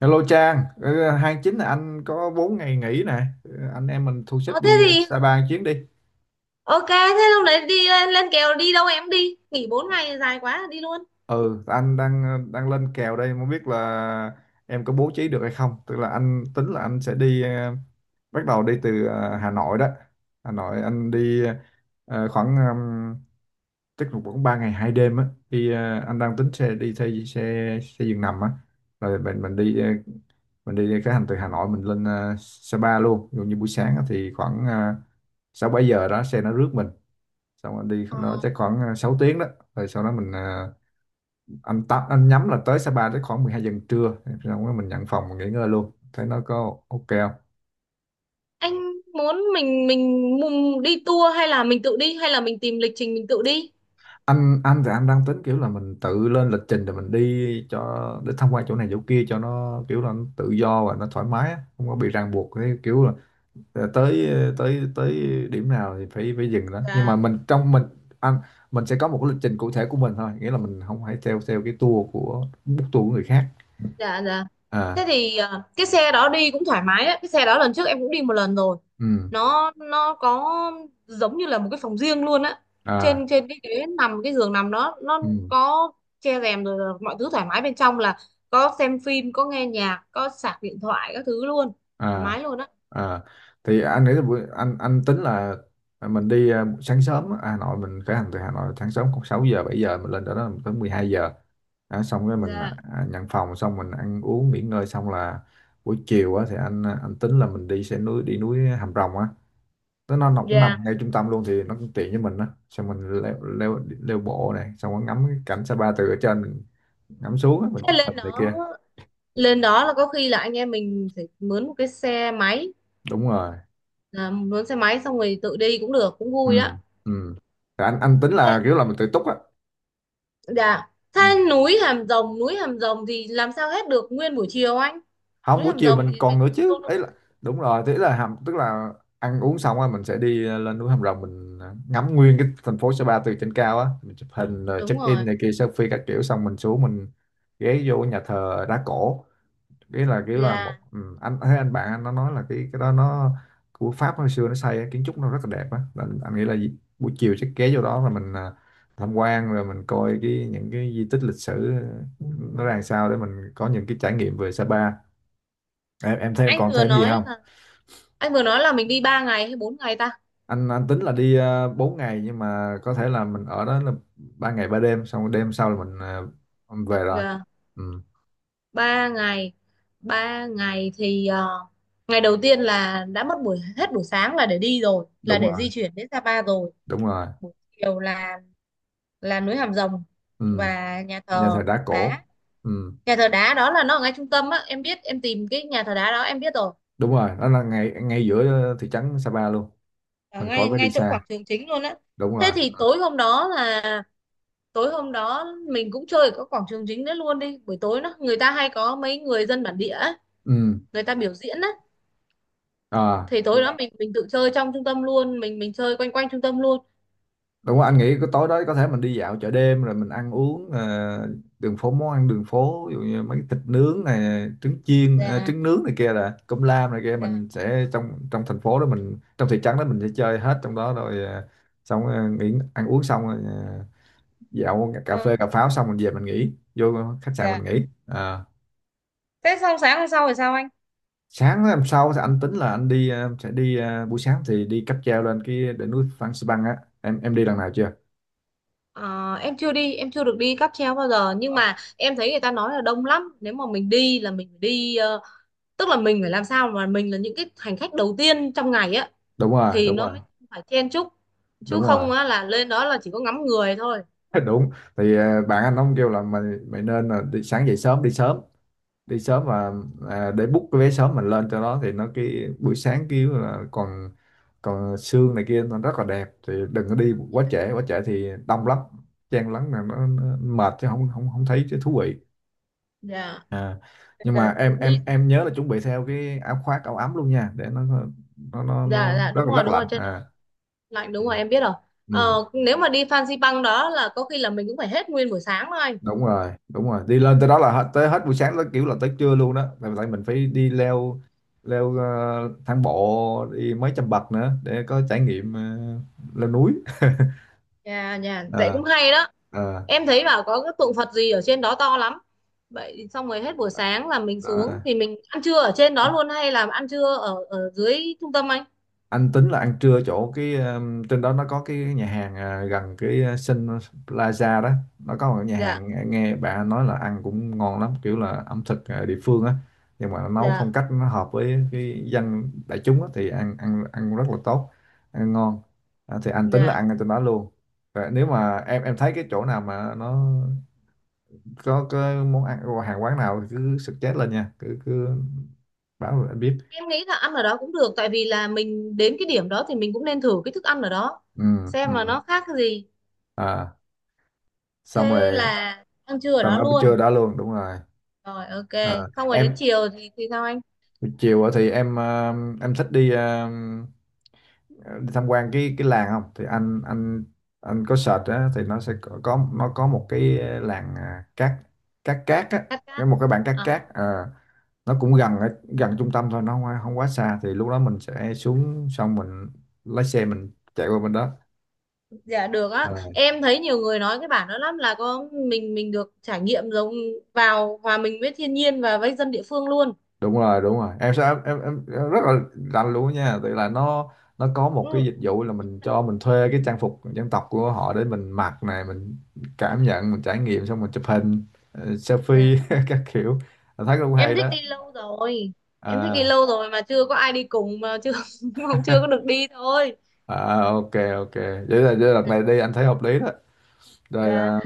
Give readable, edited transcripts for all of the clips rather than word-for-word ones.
Hello Trang. Ờ, 29 là anh có 4 ngày nghỉ nè. Anh em mình thu xếp Ờ thế đi thì Sapa một chuyến đi. ok, thế lúc đấy đi lên kèo đi đâu em, đi nghỉ 4 ngày dài quá đi luôn. Ừ, anh đang lên kèo đây, không biết là em có bố trí được hay không. Tức là anh tính là anh sẽ đi bắt đầu đi từ Hà Nội đó. Hà Nội anh đi khoảng chắc là khoảng 3 ngày 2 đêm á. Đi anh đang tính xe đi xe xe xe giường nằm á. Rồi mình đi mình đi khởi hành từ Hà Nội mình lên Sapa luôn. Ví dụ như buổi sáng á thì khoảng 6 7 giờ đó xe nó rước mình xong rồi đi nó Ờ, chắc khoảng 6 tiếng đó, rồi sau đó mình anh tắm anh nhắm là tới Sapa tới khoảng 12 giờ trưa, xong rồi mình nhận phòng mình nghỉ ngơi luôn thấy nó có ok không. anh muốn mình mùng đi tour, hay là mình tự đi, hay là mình tìm lịch trình mình tự đi. Anh thì anh đang tính kiểu là mình tự lên lịch trình rồi mình đi cho để tham quan chỗ này chỗ kia cho nó kiểu là nó tự do và nó thoải mái á, không có bị ràng buộc cái kiểu là tới tới tới điểm nào thì phải phải dừng đó, nhưng mà Dạ, mình trong mình anh mình sẽ có một cái lịch trình cụ thể của mình thôi, nghĩa là mình không phải theo theo cái tour của book tour của người khác. dạ, dạ. À, Thế thì cái xe đó đi cũng thoải mái đấy, cái xe đó lần trước em cũng đi một lần rồi. ừ, Nó có giống như là một cái phòng riêng luôn á. à, Trên trên cái ghế nằm, cái giường nằm đó nó ừ, có che rèm rồi, là mọi thứ thoải mái bên trong, là có xem phim, có nghe nhạc, có sạc điện thoại các thứ luôn, thoải à, mái luôn á. à, thì anh nghĩ là buổi anh tính là mình đi sáng sớm á, Hà Nội mình khởi hành từ Hà Nội sáng sớm khoảng 6 giờ 7 giờ mình lên đó đó tới 12 giờ đó, xong cái mình Dạ, nhận phòng xong mình ăn uống nghỉ ngơi xong là buổi chiều á, thì anh anh tính là mình đi xe núi đi núi Hàm Rồng á. Nó cũng nằm dạ. ngay trung tâm luôn thì nó cũng tiện với mình á, xong mình leo leo leo bộ này xong rồi ngắm cái cảnh Sapa từ ở trên mình ngắm xuống á, mình Thế chụp hình lên này đó, kia. Là có khi là anh em mình phải mướn một cái xe máy, Đúng rồi, à, mướn xe máy xong rồi tự đi cũng được, cũng vui đó. ừ, ừ. Thì anh tính Thế, là kiểu là mình tự túc á. dạ thế Ừ. núi Hàm Rồng, núi Hàm Rồng thì làm sao hết được nguyên buổi chiều anh? Không, Núi buổi Hàm chiều Rồng mình thì còn mình nữa đi chứ đâu? ấy là đúng rồi, thế là hàm tức là ăn uống xong á mình sẽ đi lên núi Hàm Rồng mình ngắm nguyên cái thành phố Sa Pa từ trên cao á, mình chụp hình rồi Đúng check in rồi. này kia selfie các kiểu xong mình xuống mình ghé vô nhà thờ đá cổ. Cái là kiểu là một, Dạ. ừ, anh thấy anh bạn anh nó nói là cái đó nó của Pháp hồi xưa nó xây á, kiến trúc nó rất là đẹp á. Là anh nghĩ là buổi chiều chắc ghé vô đó là mình tham quan rồi mình coi cái những cái di tích lịch sử nó ra làm sao để mình có những cái trải nghiệm về Sapa. Em thêm Anh còn vừa thêm gì nói không. là, mình đi 3 ngày hay 4 ngày ta? Anh tính là đi 4 ngày, nhưng mà có thể là mình ở đó là 3 ngày 3 đêm xong đêm sau là mình về rồi. Dạ. Ừ, 3 ngày. 3 ngày thì ngày đầu tiên là đã mất buổi, hết buổi sáng là để đi rồi, là đúng để rồi, di chuyển đến Sapa rồi. đúng rồi. Buổi chiều là núi Hàm Rồng Ừ. và nhà Nhà thờ thờ đá cổ. đá. Ừ. Nhà thờ đá đó là nó ở ngay trung tâm á, em biết, em tìm cái nhà thờ đá đó em biết rồi. Đúng rồi, nó là ngay ngay giữa thị trấn Sapa luôn. Ở Mình khỏi ngay phải đi ngay chỗ xa. quảng trường chính luôn á. Đúng Thế rồi. thì tối hôm đó là, tối hôm đó mình cũng chơi ở các quảng trường chính đấy luôn đi, buổi tối nó người ta hay có mấy người dân bản địa ấy, Ừ. người ta biểu diễn á, À, thì tối đó mình tự chơi trong trung tâm luôn, mình chơi quanh quanh trung tâm luôn. đúng rồi, anh nghĩ cái tối đó có thể mình đi dạo chợ đêm rồi mình ăn uống đường phố, món ăn đường phố, ví dụ như mấy cái thịt nướng này, trứng chiên Dạ, trứng nướng này kia là cơm lam này kia. dạ, Mình sẽ trong trong thành phố đó, mình trong thị trấn đó mình sẽ chơi hết trong đó rồi xong nghỉ ăn uống xong rồi dạo cà ờ, phê cà pháo xong mình về mình nghỉ vô khách sạn mình dạ nghỉ. Ờ. thế xong sáng hôm sau thì sao anh? Sáng hôm sau thì anh tính là anh đi sẽ đi buổi sáng thì đi cáp treo lên cái đỉnh núi Phan Xipang á, em đi lần nào chưa. Ờ, em chưa đi, em chưa được đi cáp treo bao giờ, nhưng Ờ, mà em thấy người ta nói là đông lắm, nếu mà mình đi là mình phải đi tức là mình phải làm sao mà mình là những cái hành khách đầu tiên trong ngày á, đúng rồi, thì đúng nó rồi, mới phải chen chúc, chứ đúng rồi. không á là lên đó là chỉ có ngắm người thôi. Đúng. Thì bạn anh ông kêu là mày mày nên là đi sáng dậy sớm, đi sớm, đi sớm và để book cái vé sớm mình lên cho nó, thì nó cái buổi sáng kiểu là còn còn sương này kia nó rất là đẹp. Thì đừng có đi quá trễ, quá trễ thì đông lắm, chen lấn là nó mệt chứ không không không thấy chứ thú vị. Dạ À, nhưng mà là em đi. em em nhớ là chuẩn bị theo cái áo khoác áo ấm luôn nha để nó nó Dạ, dạ, rất đúng là rồi, rất đúng lạnh rồi, trên đó à. lạnh, đúng Ừ. rồi em biết rồi. Ừ, Nếu mà đi Phan Xipang đó là có khi là mình cũng phải hết nguyên buổi sáng thôi. đúng rồi, đúng rồi, đi lên tới đó là hết tới hết buổi sáng tới kiểu là tới trưa luôn đó, tại tại mình phải đi leo leo ờ, thang bộ đi mấy trăm bậc nữa để có trải nghiệm leo núi. Nhà nhà vậy À, cũng hay đó. Em thấy bảo có cái tượng Phật gì ở trên đó to lắm. Vậy xong rồi hết buổi sáng là mình xuống, à, thì mình ăn trưa ở trên đó luôn hay là ăn trưa ở ở dưới trung tâm anh? anh tính là ăn trưa chỗ cái trên đó nó có cái nhà hàng gần cái Sun Plaza đó, nó có một nhà Dạ, hàng, nghe nghe bạn nói là ăn cũng ngon lắm, kiểu là ẩm thực địa phương á, nhưng mà nó nấu phong dạ, cách nó hợp với cái dân đại chúng á, thì ăn ăn ăn rất là tốt, ăn ngon. À, thì anh tính là dạ. ăn ở trên đó luôn. Và nếu mà em thấy cái chỗ nào mà nó có cái món ăn, hàng quán nào thì cứ suggest lên nha, cứ cứ báo rồi anh biết. Em nghĩ là ăn ở đó cũng được, tại vì là mình đến cái điểm đó thì mình cũng nên thử cái thức ăn ở đó, Ừ, xem mà ừ, nó khác cái gì. à, xong Thế rồi. là ăn trưa ở Tao đó đã luôn. chưa, đã luôn, đúng rồi. Rồi, ok. Ờ, Xong rồi đến em chiều thì sao anh? chiều á thì em em thích đi đi tham quan cái làng không thì anh có search á thì nó sẽ nó có một cái làng cát cát cát á, Cắt cái cát. một cái bản cát cát À, nó cũng gần ở gần trung tâm thôi, nó không, không quá xa, thì lúc đó mình sẽ xuống xong mình lái xe mình chạy qua bên đó. dạ được á. Ờ. Em thấy nhiều người nói cái bản đó lắm, là có mình được trải nghiệm giống vào hòa mình với thiên nhiên và với dân địa phương luôn. Đúng rồi, đúng rồi, em sẽ em rất là rành luôn á nha, tại là nó có một Ừ. cái dịch vụ là mình cho mình thuê cái trang phục dân tộc của họ để mình mặc này mình cảm nhận mình trải nghiệm xong mình chụp hình Dạ. selfie các kiểu. Anh thấy cũng hay Em đó. thích đi lâu rồi. Em thích đi À, lâu rồi mà chưa có ai đi cùng, mà chưa không, chưa có được đi thôi. à, ok, ok, vậy là đợt Dạ. này đi anh thấy hợp lý đó rồi. Dạ. À,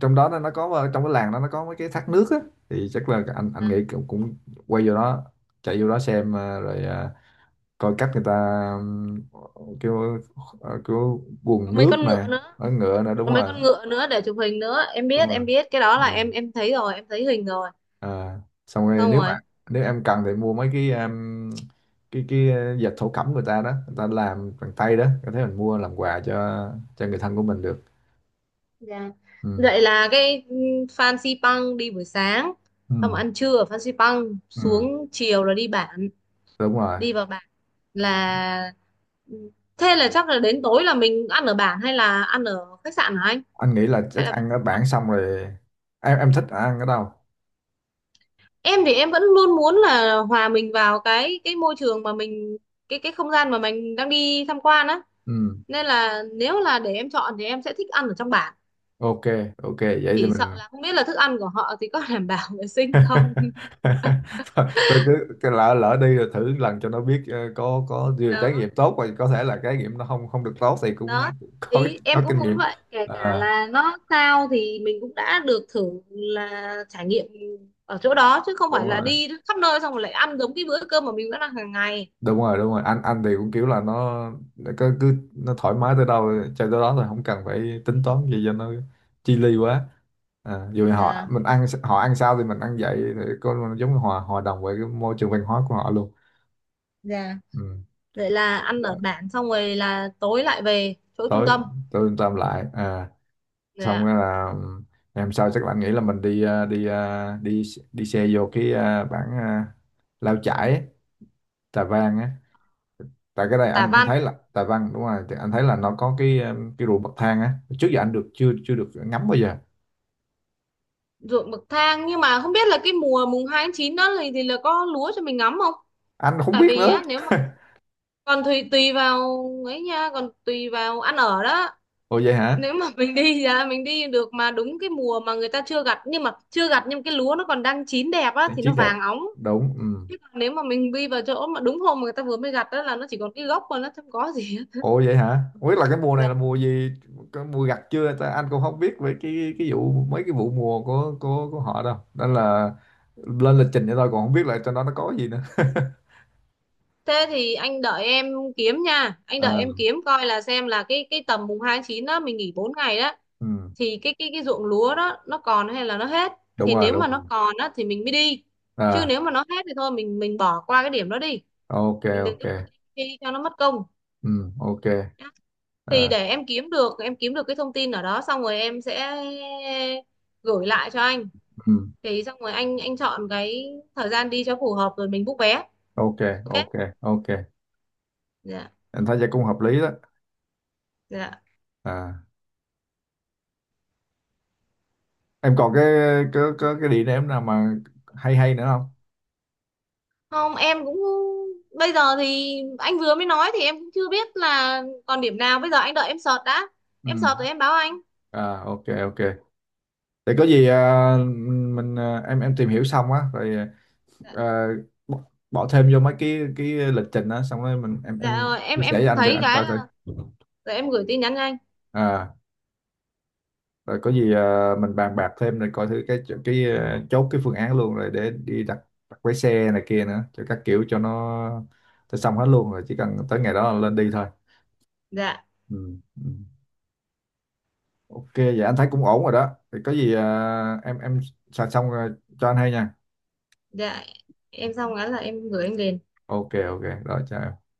trong đó nó có trong cái làng đó nó có mấy cái thác nước á, thì chắc là anh À, nghĩ cũng, cũng quay vô đó, chạy vô đó xem à, rồi coi cách người ta ừm, kiểu kiểu có quần mấy nước con ngựa nè, nữa. nói ngựa nè, đúng Có mấy rồi, con ngựa nữa để chụp hình nữa. Đúng Em rồi. biết cái đó là em Ừ. em thấy rồi, em thấy hình rồi. À, xong rồi Xong nếu mà rồi. nếu em cần thì mua mấy cái dệt thổ cẩm người ta đó, người ta làm bằng tay đó, có thể mình mua làm quà cho người thân của mình được. Dạ. Ừ. Vậy là cái Phan Xipang đi buổi sáng, xong Ừ. ăn trưa ở Phan Xipang Ừ. xuống, chiều là đi bản, Đúng rồi, đi vào bản là ừ, thế là chắc là đến tối là mình ăn ở bản hay là ăn ở khách sạn hả anh? anh nghĩ là Hay chắc là, ăn ở bản xong rồi, em thích ăn ở đâu. em thì em vẫn luôn muốn là hòa mình vào cái môi trường mà mình, cái không gian mà mình đang đi tham quan á, Ừ. nên là nếu là để em chọn thì em sẽ thích ăn ở trong bản. Ok, ok vậy thì Chỉ mình. sợ là không biết là thức ăn của họ thì có đảm bảo vệ sinh không. Thôi, thôi cứ lỡ lỡ đi rồi thử lần cho nó biết có vừa trải nghiệm Đó, tốt và có thể là trải nghiệm nó không không được tốt thì đó, cũng ý em có cũng kinh muốn nghiệm. vậy, kể cả Ờ, là nó sao thì mình cũng đã được thử là trải nghiệm ở chỗ đó, chứ không đúng phải là rồi, đi khắp nơi xong rồi lại ăn giống cái bữa cơm mà mình vẫn ăn hàng ngày. đúng rồi, đúng rồi, anh thì cũng kiểu là nó nó cứ nó thoải mái tới đâu chơi tới đó thôi, không cần phải tính toán gì cho nó chi li quá. À, dù họ Dạ, mình ăn họ ăn sao thì mình ăn vậy thì có giống như hòa hòa đồng với cái môi trường văn hóa của họ luôn. dạ. Ừ. Vậy là ăn ở Rồi bản xong rồi là tối lại về chỗ trung tới tâm. tôi làm lại à, xong Dạ. rồi là ngày hôm sau chắc là anh nghĩ là mình đi đi đi xe vô cái bản Lao Chải ấy, Tà Văn á, tại cái đây Tả anh thấy Văn, là Tà Văn đúng rồi, thì anh thấy là nó có cái cái ruộng bậc thang á, trước giờ anh được chưa chưa được ngắm bao giờ. ruộng bậc thang, nhưng mà không biết là cái mùa 2/9 đó thì là có lúa cho mình ngắm không. Anh không Tại biết vì nữa. á, nếu mà, còn tùy tùy vào, ấy nha, còn tùy vào ăn ở đó. Ồ vậy hả, Nếu mà mình đi ra mình đi được mà đúng cái mùa mà người ta chưa gặt, nhưng mà chưa gặt nhưng cái lúa nó còn đang chín đẹp á trang thì trí nó đẹp, vàng óng. đúng. Ừ. Chứ còn nếu mà mình đi vào chỗ mà đúng hôm mà người ta vừa mới gặt đó, là nó chỉ còn cái gốc mà nó không có gì hết. Ồ vậy hả, không biết là cái mùa này là Dạ. mùa gì, có mùa gặt chưa ta, anh cũng không biết về cái vụ mấy cái vụ mùa của của họ đâu, nên là lên lịch trình vậy thôi, còn không biết là trong đó nó có gì nữa. Thế thì anh đợi em kiếm nha, anh đợi À. em kiếm coi là xem là cái tầm 2/9 đó mình nghỉ 4 ngày đó, Ừ, thì cái ruộng lúa đó nó còn hay là nó hết, đúng thì rồi, nếu đúng mà nó rồi. còn á thì mình mới đi, chứ À, nếu mà nó hết thì thôi mình bỏ qua cái điểm đó đi, ok, mình đừng ok. có đi cho nó mất công. Ừ, ok. Thì À, để em kiếm được, cái thông tin ở đó xong rồi em sẽ gửi lại cho anh, ừ, thì xong rồi anh chọn cái thời gian đi cho phù hợp rồi mình book vé. ok, Ok. ok, ok, Dạ. em thấy vậy cũng hợp lý đó. Dạ, À, em còn cái cái địa điểm nào mà hay hay nữa không. không em cũng, bây giờ thì anh vừa mới nói thì em cũng chưa biết là còn điểm nào, bây giờ anh đợi em search đã, Ừ, em search rồi em báo anh. à, ok, ok, để có gì mình em tìm hiểu xong á rồi Dạ, à, bỏ bỏ thêm vô mấy cái lịch trình á, xong rồi mình dạ em rồi em chia em sẻ với anh rồi thấy anh cái coi thử. là rồi em gửi tin nhắn cho anh. À, rồi có gì mình bàn bạc thêm rồi coi thử cái chốt cái phương án luôn rồi để đi đặt đặt vé xe này kia nữa cho các kiểu cho nó, cho xong hết luôn rồi chỉ cần tới ngày đó là lên đi thôi. Dạ, Ừ. Ừ. Ok vậy anh thấy cũng ổn rồi đó, thì có gì em soạn xong rồi cho anh hay nha. dạ. Em xong cái là em gửi anh liền. Ok, ok rồi, chào em.